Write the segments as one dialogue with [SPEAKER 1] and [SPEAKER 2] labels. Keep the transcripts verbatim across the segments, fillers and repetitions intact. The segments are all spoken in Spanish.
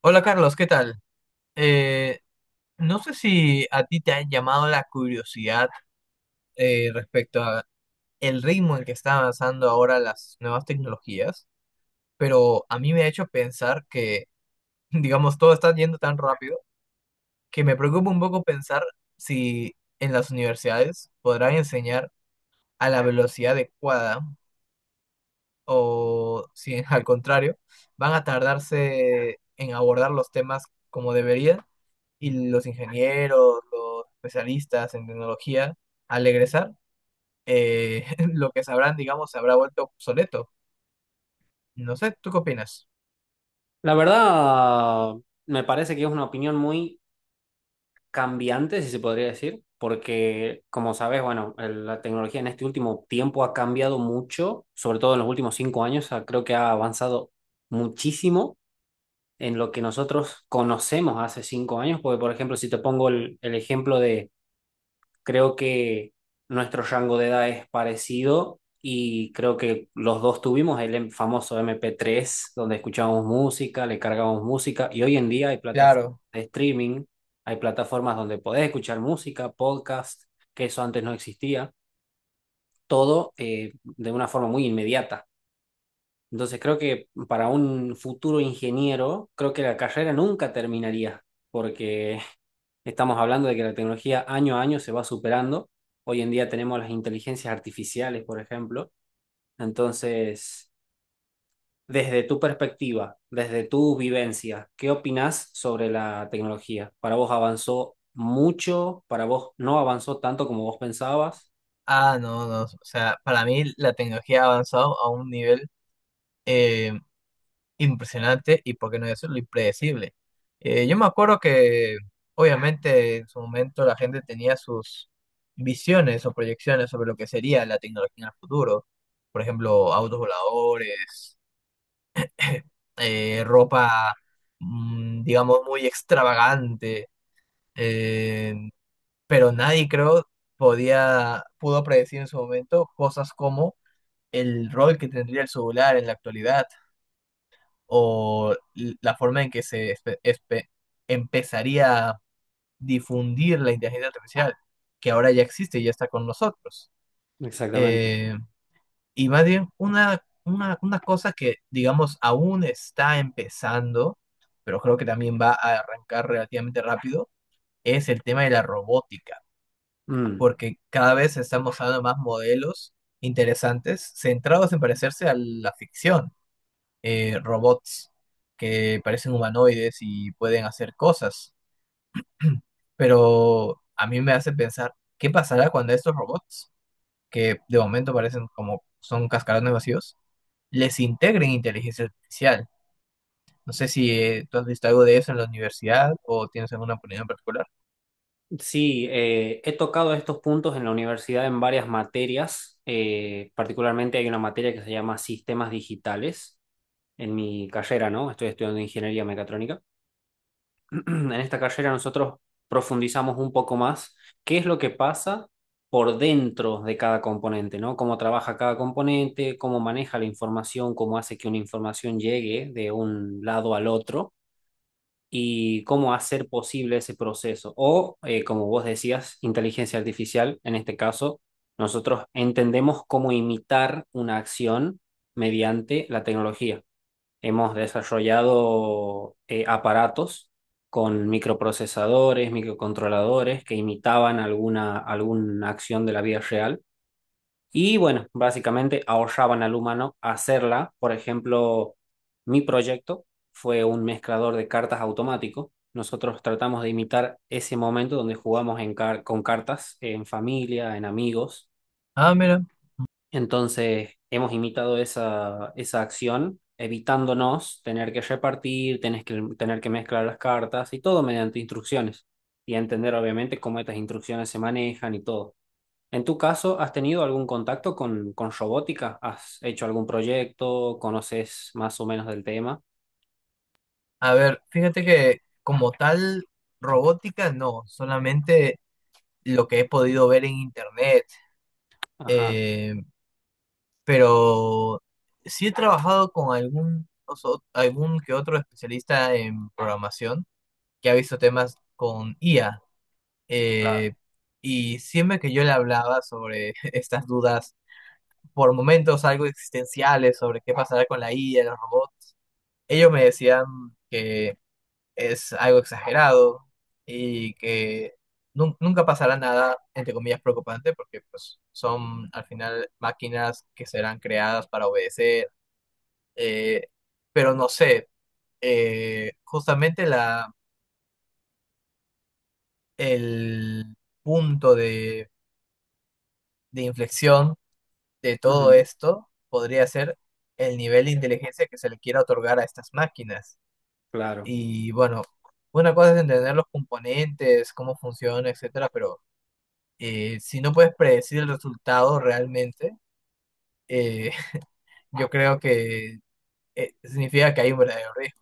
[SPEAKER 1] Hola Carlos, ¿qué tal? Eh, no sé si a ti te ha llamado la curiosidad eh, respecto a el ritmo en que están avanzando ahora las nuevas tecnologías, pero a mí me ha hecho pensar que, digamos, todo está yendo tan rápido que me preocupa un poco pensar si en las universidades podrán enseñar a la velocidad adecuada o si al contrario van a tardarse en abordar los temas como deberían, y los ingenieros, los especialistas en tecnología, al egresar, eh, lo que sabrán, digamos, se habrá vuelto obsoleto. No sé, ¿tú qué opinas?
[SPEAKER 2] La verdad, me parece que es una opinión muy cambiante, si se podría decir, porque como sabes, bueno, el- la tecnología en este último tiempo ha cambiado mucho, sobre todo en los últimos cinco años. Ah, creo que ha avanzado muchísimo en lo que nosotros conocemos hace cinco años, porque por ejemplo, si te pongo el, el ejemplo. Creo que nuestro rango de edad es parecido, y creo que los dos tuvimos el em- famoso M P tres donde escuchábamos música, le cargábamos música, y hoy en día hay plataformas
[SPEAKER 1] Claro.
[SPEAKER 2] de streaming, hay plataformas donde podés escuchar música, podcast, que eso antes no existía, todo eh, de una forma muy inmediata. Entonces creo que para un futuro ingeniero, creo que la carrera nunca terminaría, porque estamos hablando de que la tecnología año a año se va superando. Hoy en día tenemos las inteligencias artificiales, por ejemplo. Entonces, desde tu perspectiva, desde tu vivencia, ¿qué opinás sobre la tecnología? ¿Para vos avanzó mucho? ¿Para vos no avanzó tanto como vos pensabas?
[SPEAKER 1] Ah, no, no, o sea, para mí la tecnología ha avanzado a un nivel eh, impresionante y, por qué no decirlo, impredecible. Eh, yo me acuerdo que, obviamente, en su momento la gente tenía sus visiones o proyecciones sobre lo que sería la tecnología en el futuro. Por ejemplo, autos voladores, eh, ropa, mm, digamos, muy extravagante, eh, pero nadie creo podía, pudo predecir en su momento cosas como el rol que tendría el celular en la actualidad o l- la forma en que se espe- espe- empezaría a difundir la inteligencia artificial, que ahora ya existe y ya está con nosotros.
[SPEAKER 2] Exactamente.
[SPEAKER 1] Eh, Y más bien, una, una, una cosa que, digamos, aún está empezando, pero creo que también va a arrancar relativamente rápido, es el tema de la robótica,
[SPEAKER 2] Mm.
[SPEAKER 1] porque cada vez se están mostrando más modelos interesantes centrados en parecerse a la ficción, eh, robots que parecen humanoides y pueden hacer cosas, pero a mí me hace pensar, ¿qué pasará cuando estos robots, que de momento parecen como son cascarones vacíos, les integren inteligencia artificial? No sé si eh, tú has visto algo de eso en la universidad o tienes alguna opinión en particular.
[SPEAKER 2] Sí, eh, he tocado estos puntos en la universidad en varias materias. Eh, particularmente hay una materia que se llama sistemas digitales en mi carrera, ¿no? Estoy estudiando ingeniería mecatrónica. En esta carrera nosotros profundizamos un poco más qué es lo que pasa por dentro de cada componente, ¿no? Cómo trabaja cada componente, cómo maneja la información, cómo hace que una información llegue de un lado al otro y cómo hacer posible ese proceso. O, eh, como vos decías, inteligencia artificial, en este caso, nosotros entendemos cómo imitar una acción mediante la tecnología. Hemos desarrollado eh, aparatos con microprocesadores, microcontroladores que imitaban alguna, alguna acción de la vida real. Y bueno, básicamente ahorraban al humano hacerla. Por ejemplo, mi proyecto fue un mezclador de cartas automático. Nosotros tratamos de imitar ese momento donde jugamos en car- con cartas en familia, en amigos,
[SPEAKER 1] Ah, mira,
[SPEAKER 2] entonces, hemos imitado esa, esa acción, evitándonos tener que repartir, tener que, tener que mezclar las cartas y todo mediante instrucciones. Y entender, obviamente, cómo estas instrucciones se manejan y todo. En tu caso, ¿has tenido algún contacto con, con robótica? ¿Has hecho algún proyecto? ¿Conoces más o menos del tema?
[SPEAKER 1] a ver, fíjate que como tal robótica no, solamente lo que he podido ver en internet,
[SPEAKER 2] Ajá,
[SPEAKER 1] eh, pero sí he trabajado con algún, oso- algún que otro especialista en programación que ha visto temas con I A. eh,
[SPEAKER 2] claro.
[SPEAKER 1] y siempre que yo le hablaba sobre estas dudas por momentos algo existenciales sobre qué pasará con la I A, los robots, ellos me decían que es algo exagerado y que nun- nunca pasará nada, entre comillas, preocupante, porque pues son al final máquinas que serán creadas para obedecer, eh, pero no sé, eh, justamente la, el punto de, de inflexión de todo
[SPEAKER 2] Ujú.
[SPEAKER 1] esto podría ser el nivel de inteligencia que se le quiera otorgar a estas máquinas.
[SPEAKER 2] Claro.
[SPEAKER 1] Y bueno, una cosa es entender los componentes, cómo funciona, etcétera, pero eh, si no puedes predecir el resultado realmente, eh, yo creo que eh, significa que hay un verdadero riesgo.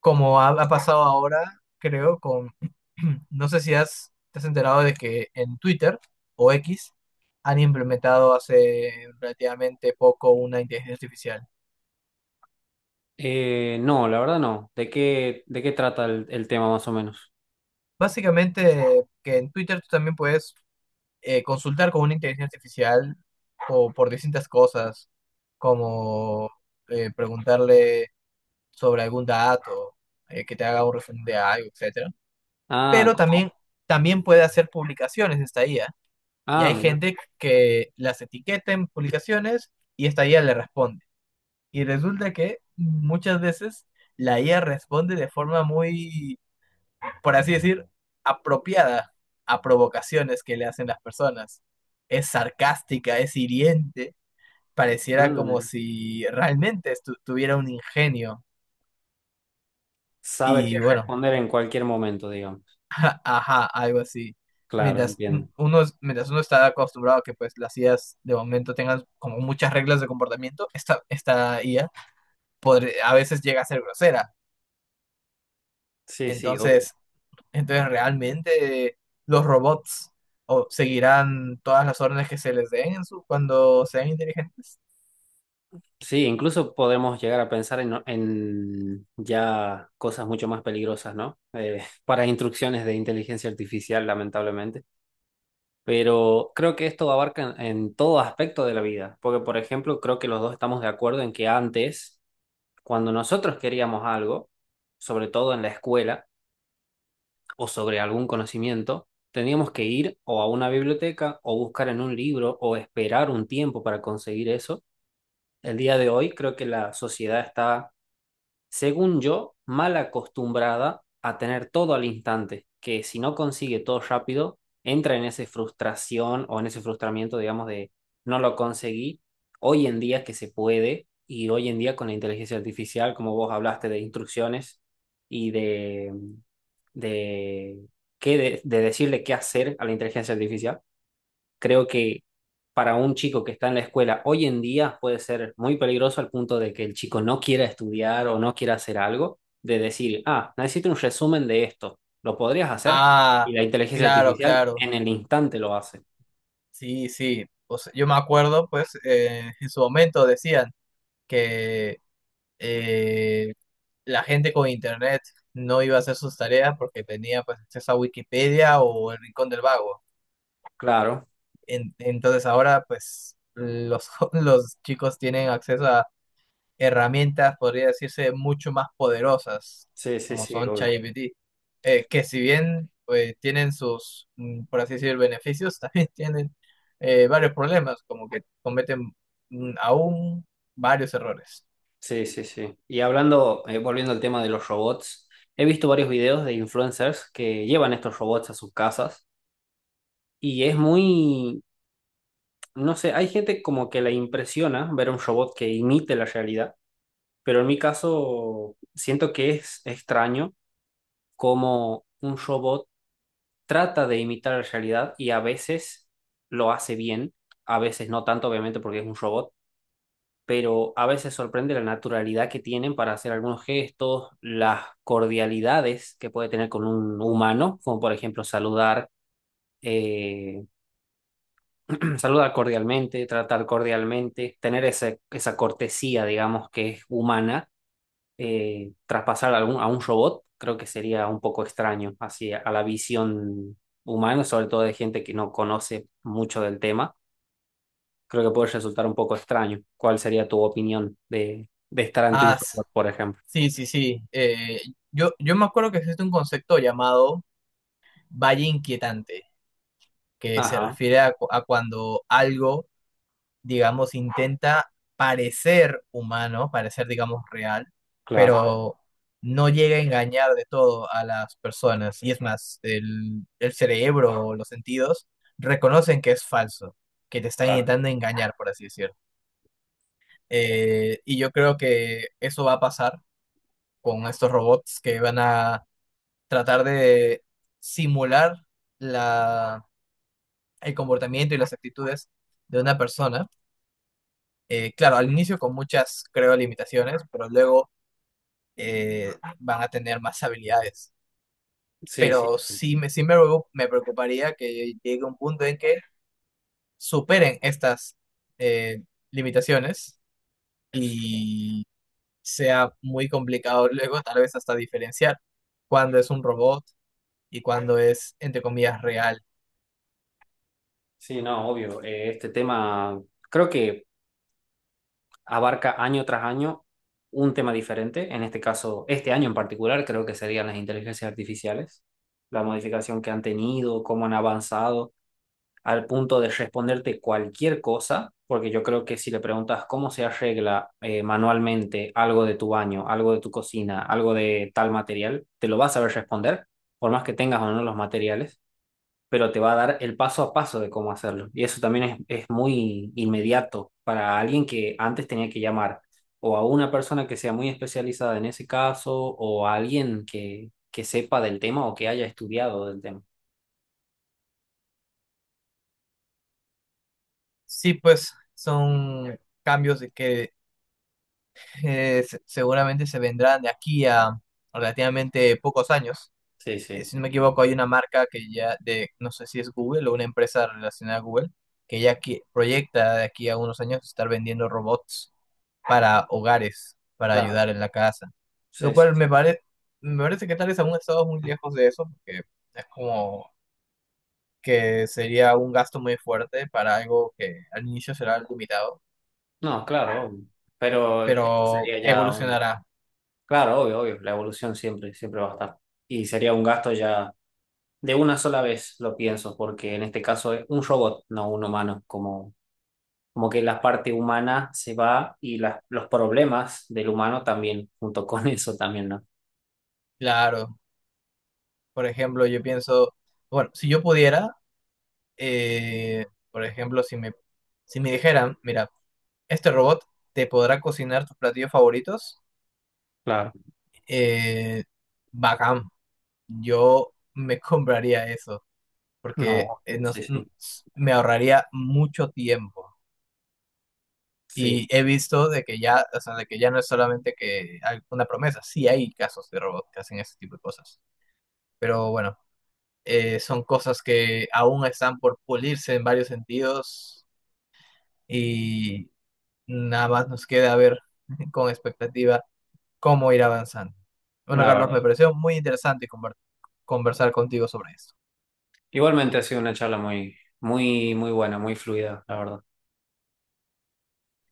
[SPEAKER 1] Como ha, ha pasado ahora, creo, con, no sé si has, te has enterado de que en Twitter o X han implementado hace relativamente poco una inteligencia artificial.
[SPEAKER 2] Eh, no, la verdad no. ¿De qué, de qué trata el, el tema más o menos?
[SPEAKER 1] Básicamente, que en Twitter tú también puedes eh, consultar con una inteligencia artificial o por distintas cosas, como eh, preguntarle sobre algún dato, eh, que te haga un resumen de algo, etcétera.
[SPEAKER 2] Ah,
[SPEAKER 1] Pero
[SPEAKER 2] co-
[SPEAKER 1] también, también puede hacer publicaciones esta I A. Y
[SPEAKER 2] ah,
[SPEAKER 1] hay
[SPEAKER 2] mira.
[SPEAKER 1] gente que las etiqueta en publicaciones y esta I A le responde. Y resulta que muchas veces la I A responde de forma muy, por así decir, apropiada a provocaciones que le hacen las personas. Es sarcástica, es hiriente, pareciera como
[SPEAKER 2] Mm.
[SPEAKER 1] si realmente estu- tuviera un ingenio.
[SPEAKER 2] Sabe qué
[SPEAKER 1] Y bueno,
[SPEAKER 2] responder en cualquier momento, digamos.
[SPEAKER 1] a- ajá, algo así.
[SPEAKER 2] Claro,
[SPEAKER 1] Mientras
[SPEAKER 2] entiendo.
[SPEAKER 1] uno, mientras uno está acostumbrado a que pues las I As de momento tengan como muchas reglas de comportamiento, esta, esta I A podr- a veces llega a ser grosera.
[SPEAKER 2] Sí, sí, obvio.
[SPEAKER 1] Entonces, Entonces, realmente los robots o, seguirán todas las órdenes que se les den en su, cuando sean inteligentes.
[SPEAKER 2] Sí, incluso podemos llegar a pensar en, en ya cosas mucho más peligrosas, ¿no? Eh, para instrucciones de inteligencia artificial, lamentablemente. Pero creo que esto abarca en, en todo aspecto de la vida, porque, por ejemplo, creo que los dos estamos de acuerdo en que antes, cuando nosotros queríamos algo, sobre todo en la escuela, o sobre algún conocimiento, teníamos que ir o a una biblioteca o buscar en un libro o esperar un tiempo para conseguir eso. El día de hoy creo que la sociedad está, según yo, mal acostumbrada a tener todo al instante, que si no consigue todo rápido, entra en esa frustración o en ese frustramiento, digamos, de no lo conseguí. Hoy en día que se puede, y hoy en día con la inteligencia artificial, como vos hablaste de instrucciones y de, de, qué de de decirle qué hacer a la inteligencia artificial, creo que para un chico que está en la escuela hoy en día puede ser muy peligroso, al punto de que el chico no quiera estudiar o no quiera hacer algo, de decir, ah, necesito un resumen de esto, ¿lo podrías hacer? Y
[SPEAKER 1] Ah,
[SPEAKER 2] la inteligencia
[SPEAKER 1] claro,
[SPEAKER 2] artificial
[SPEAKER 1] claro.
[SPEAKER 2] en el instante lo hace.
[SPEAKER 1] Sí, sí. Pues, yo me acuerdo, pues, eh, en su momento decían que eh, la gente con internet no iba a hacer sus tareas porque tenía pues acceso a Wikipedia o el Rincón del Vago.
[SPEAKER 2] Claro,
[SPEAKER 1] En- entonces ahora, pues, los, los chicos tienen acceso a herramientas, podría decirse, mucho más poderosas,
[SPEAKER 2] sí, sí,
[SPEAKER 1] como
[SPEAKER 2] sí,
[SPEAKER 1] son
[SPEAKER 2] obvio.
[SPEAKER 1] ChatGPT, eh, que si bien eh, tienen sus, mm, por así decir, beneficios, también tienen eh, varios problemas, como que cometen mm, aún varios errores.
[SPEAKER 2] Sí, sí, sí. Y hablando, eh, volviendo al tema de los robots, he visto varios videos de influencers que llevan estos robots a sus casas, y es muy, no sé, hay gente como que la impresiona ver un robot que imite la realidad. Pero en mi caso, siento que es extraño cómo un robot trata de imitar la realidad, y a veces lo hace bien, a veces no tanto, obviamente, porque es un robot, pero a veces sorprende la naturalidad que tienen para hacer algunos gestos, las cordialidades que puede tener con un humano, como por ejemplo saludar. eh, Saludar cordialmente, tratar cordialmente, tener ese- esa cortesía, digamos, que es humana, eh, traspasar a, algún, a un robot, creo que sería un poco extraño hacia a la visión humana, sobre todo de gente que no conoce mucho del tema. Creo que puede resultar un poco extraño. ¿Cuál sería tu opinión de, de estar ante un
[SPEAKER 1] Ah, s-
[SPEAKER 2] robot, por ejemplo?
[SPEAKER 1] sí, sí, sí. eh, yo, yo me acuerdo que existe un concepto llamado valle inquietante, que se
[SPEAKER 2] Ajá,
[SPEAKER 1] refiere a, cu- a cuando algo digamos, intenta parecer humano, parecer, digamos, real,
[SPEAKER 2] claro,
[SPEAKER 1] pero no llega a engañar de todo a las personas. Y es más, el, el cerebro o los sentidos reconocen que es falso, que te están
[SPEAKER 2] claro.
[SPEAKER 1] intentando engañar, por así decirlo. Eh, y yo creo que eso va a pasar con estos robots que van a tratar de simular la, el comportamiento y las actitudes de una persona. Eh, claro, al inicio con muchas, creo, limitaciones, pero luego eh, van a tener más habilidades.
[SPEAKER 2] Sí, sí,
[SPEAKER 1] Pero sí, me, sí me, preo- me preocuparía que llegue un punto en que superen estas eh, limitaciones y sea muy complicado luego tal vez hasta diferenciar cuándo es un robot y cuándo es, entre comillas, real.
[SPEAKER 2] sí, no, obvio. Eh, este tema, creo que abarca año tras año un tema diferente. En este caso, este año en particular, creo que serían las inteligencias artificiales, la modificación que han tenido, cómo han avanzado, al punto de responderte cualquier cosa, porque yo creo que si le preguntas cómo se arregla eh, manualmente algo de tu baño, algo de tu cocina, algo de tal material, te lo vas a saber responder, por más que tengas o no los materiales, pero te va a dar el paso a paso de cómo hacerlo. Y eso también es, es muy inmediato para alguien que antes tenía que llamar o a una persona que sea muy especializada en ese caso, o a alguien que, que sepa del tema o que haya estudiado del tema.
[SPEAKER 1] Sí, pues son cambios de que eh, se- seguramente se vendrán de aquí a relativamente pocos años.
[SPEAKER 2] Sí,
[SPEAKER 1] Eh,
[SPEAKER 2] sí,
[SPEAKER 1] si no me equivoco, hay una marca que ya, de, no sé si es Google o una empresa relacionada a Google, que ya qui- proyecta de aquí a unos años estar vendiendo robots para hogares, para
[SPEAKER 2] claro.
[SPEAKER 1] ayudar en la casa. Lo
[SPEAKER 2] Sí, sí,
[SPEAKER 1] cual
[SPEAKER 2] sí.
[SPEAKER 1] me parece, me parece que tal vez aún estamos muy lejos de eso, porque es como que sería un gasto muy fuerte para algo que al inicio será limitado,
[SPEAKER 2] No, claro, obvio. Pero esto
[SPEAKER 1] pero
[SPEAKER 2] sería ya un...
[SPEAKER 1] evolucionará.
[SPEAKER 2] Claro, obvio, obvio. La evolución siempre, siempre va a estar. Y sería un gasto ya de una sola vez, lo pienso, porque en este caso es un robot, no un humano, como... Como que la parte humana se va, y las los problemas del humano también, junto con eso también, ¿no?
[SPEAKER 1] Claro, por ejemplo, yo pienso, bueno, si yo pudiera Eh, por ejemplo, si me, si me dijeran, mira, este robot te podrá cocinar tus platillos favoritos,
[SPEAKER 2] Claro.
[SPEAKER 1] eh, bacán, yo me compraría eso, porque
[SPEAKER 2] No,
[SPEAKER 1] eh, nos-
[SPEAKER 2] sí,
[SPEAKER 1] n-
[SPEAKER 2] sí,
[SPEAKER 1] s- me ahorraría mucho tiempo.
[SPEAKER 2] sí,
[SPEAKER 1] Y he visto de que ya, o sea, de que ya no es solamente que hay una promesa, sí hay casos de robots que hacen ese tipo de cosas. Pero bueno, eh, son cosas que aún están por pulirse en varios sentidos, y nada más nos queda ver con expectativa cómo ir avanzando. Bueno,
[SPEAKER 2] la
[SPEAKER 1] Carlos,
[SPEAKER 2] verdad.
[SPEAKER 1] me pareció muy interesante conver- conversar contigo sobre esto.
[SPEAKER 2] Igualmente ha sido una charla muy, muy, muy buena, muy fluida, la verdad.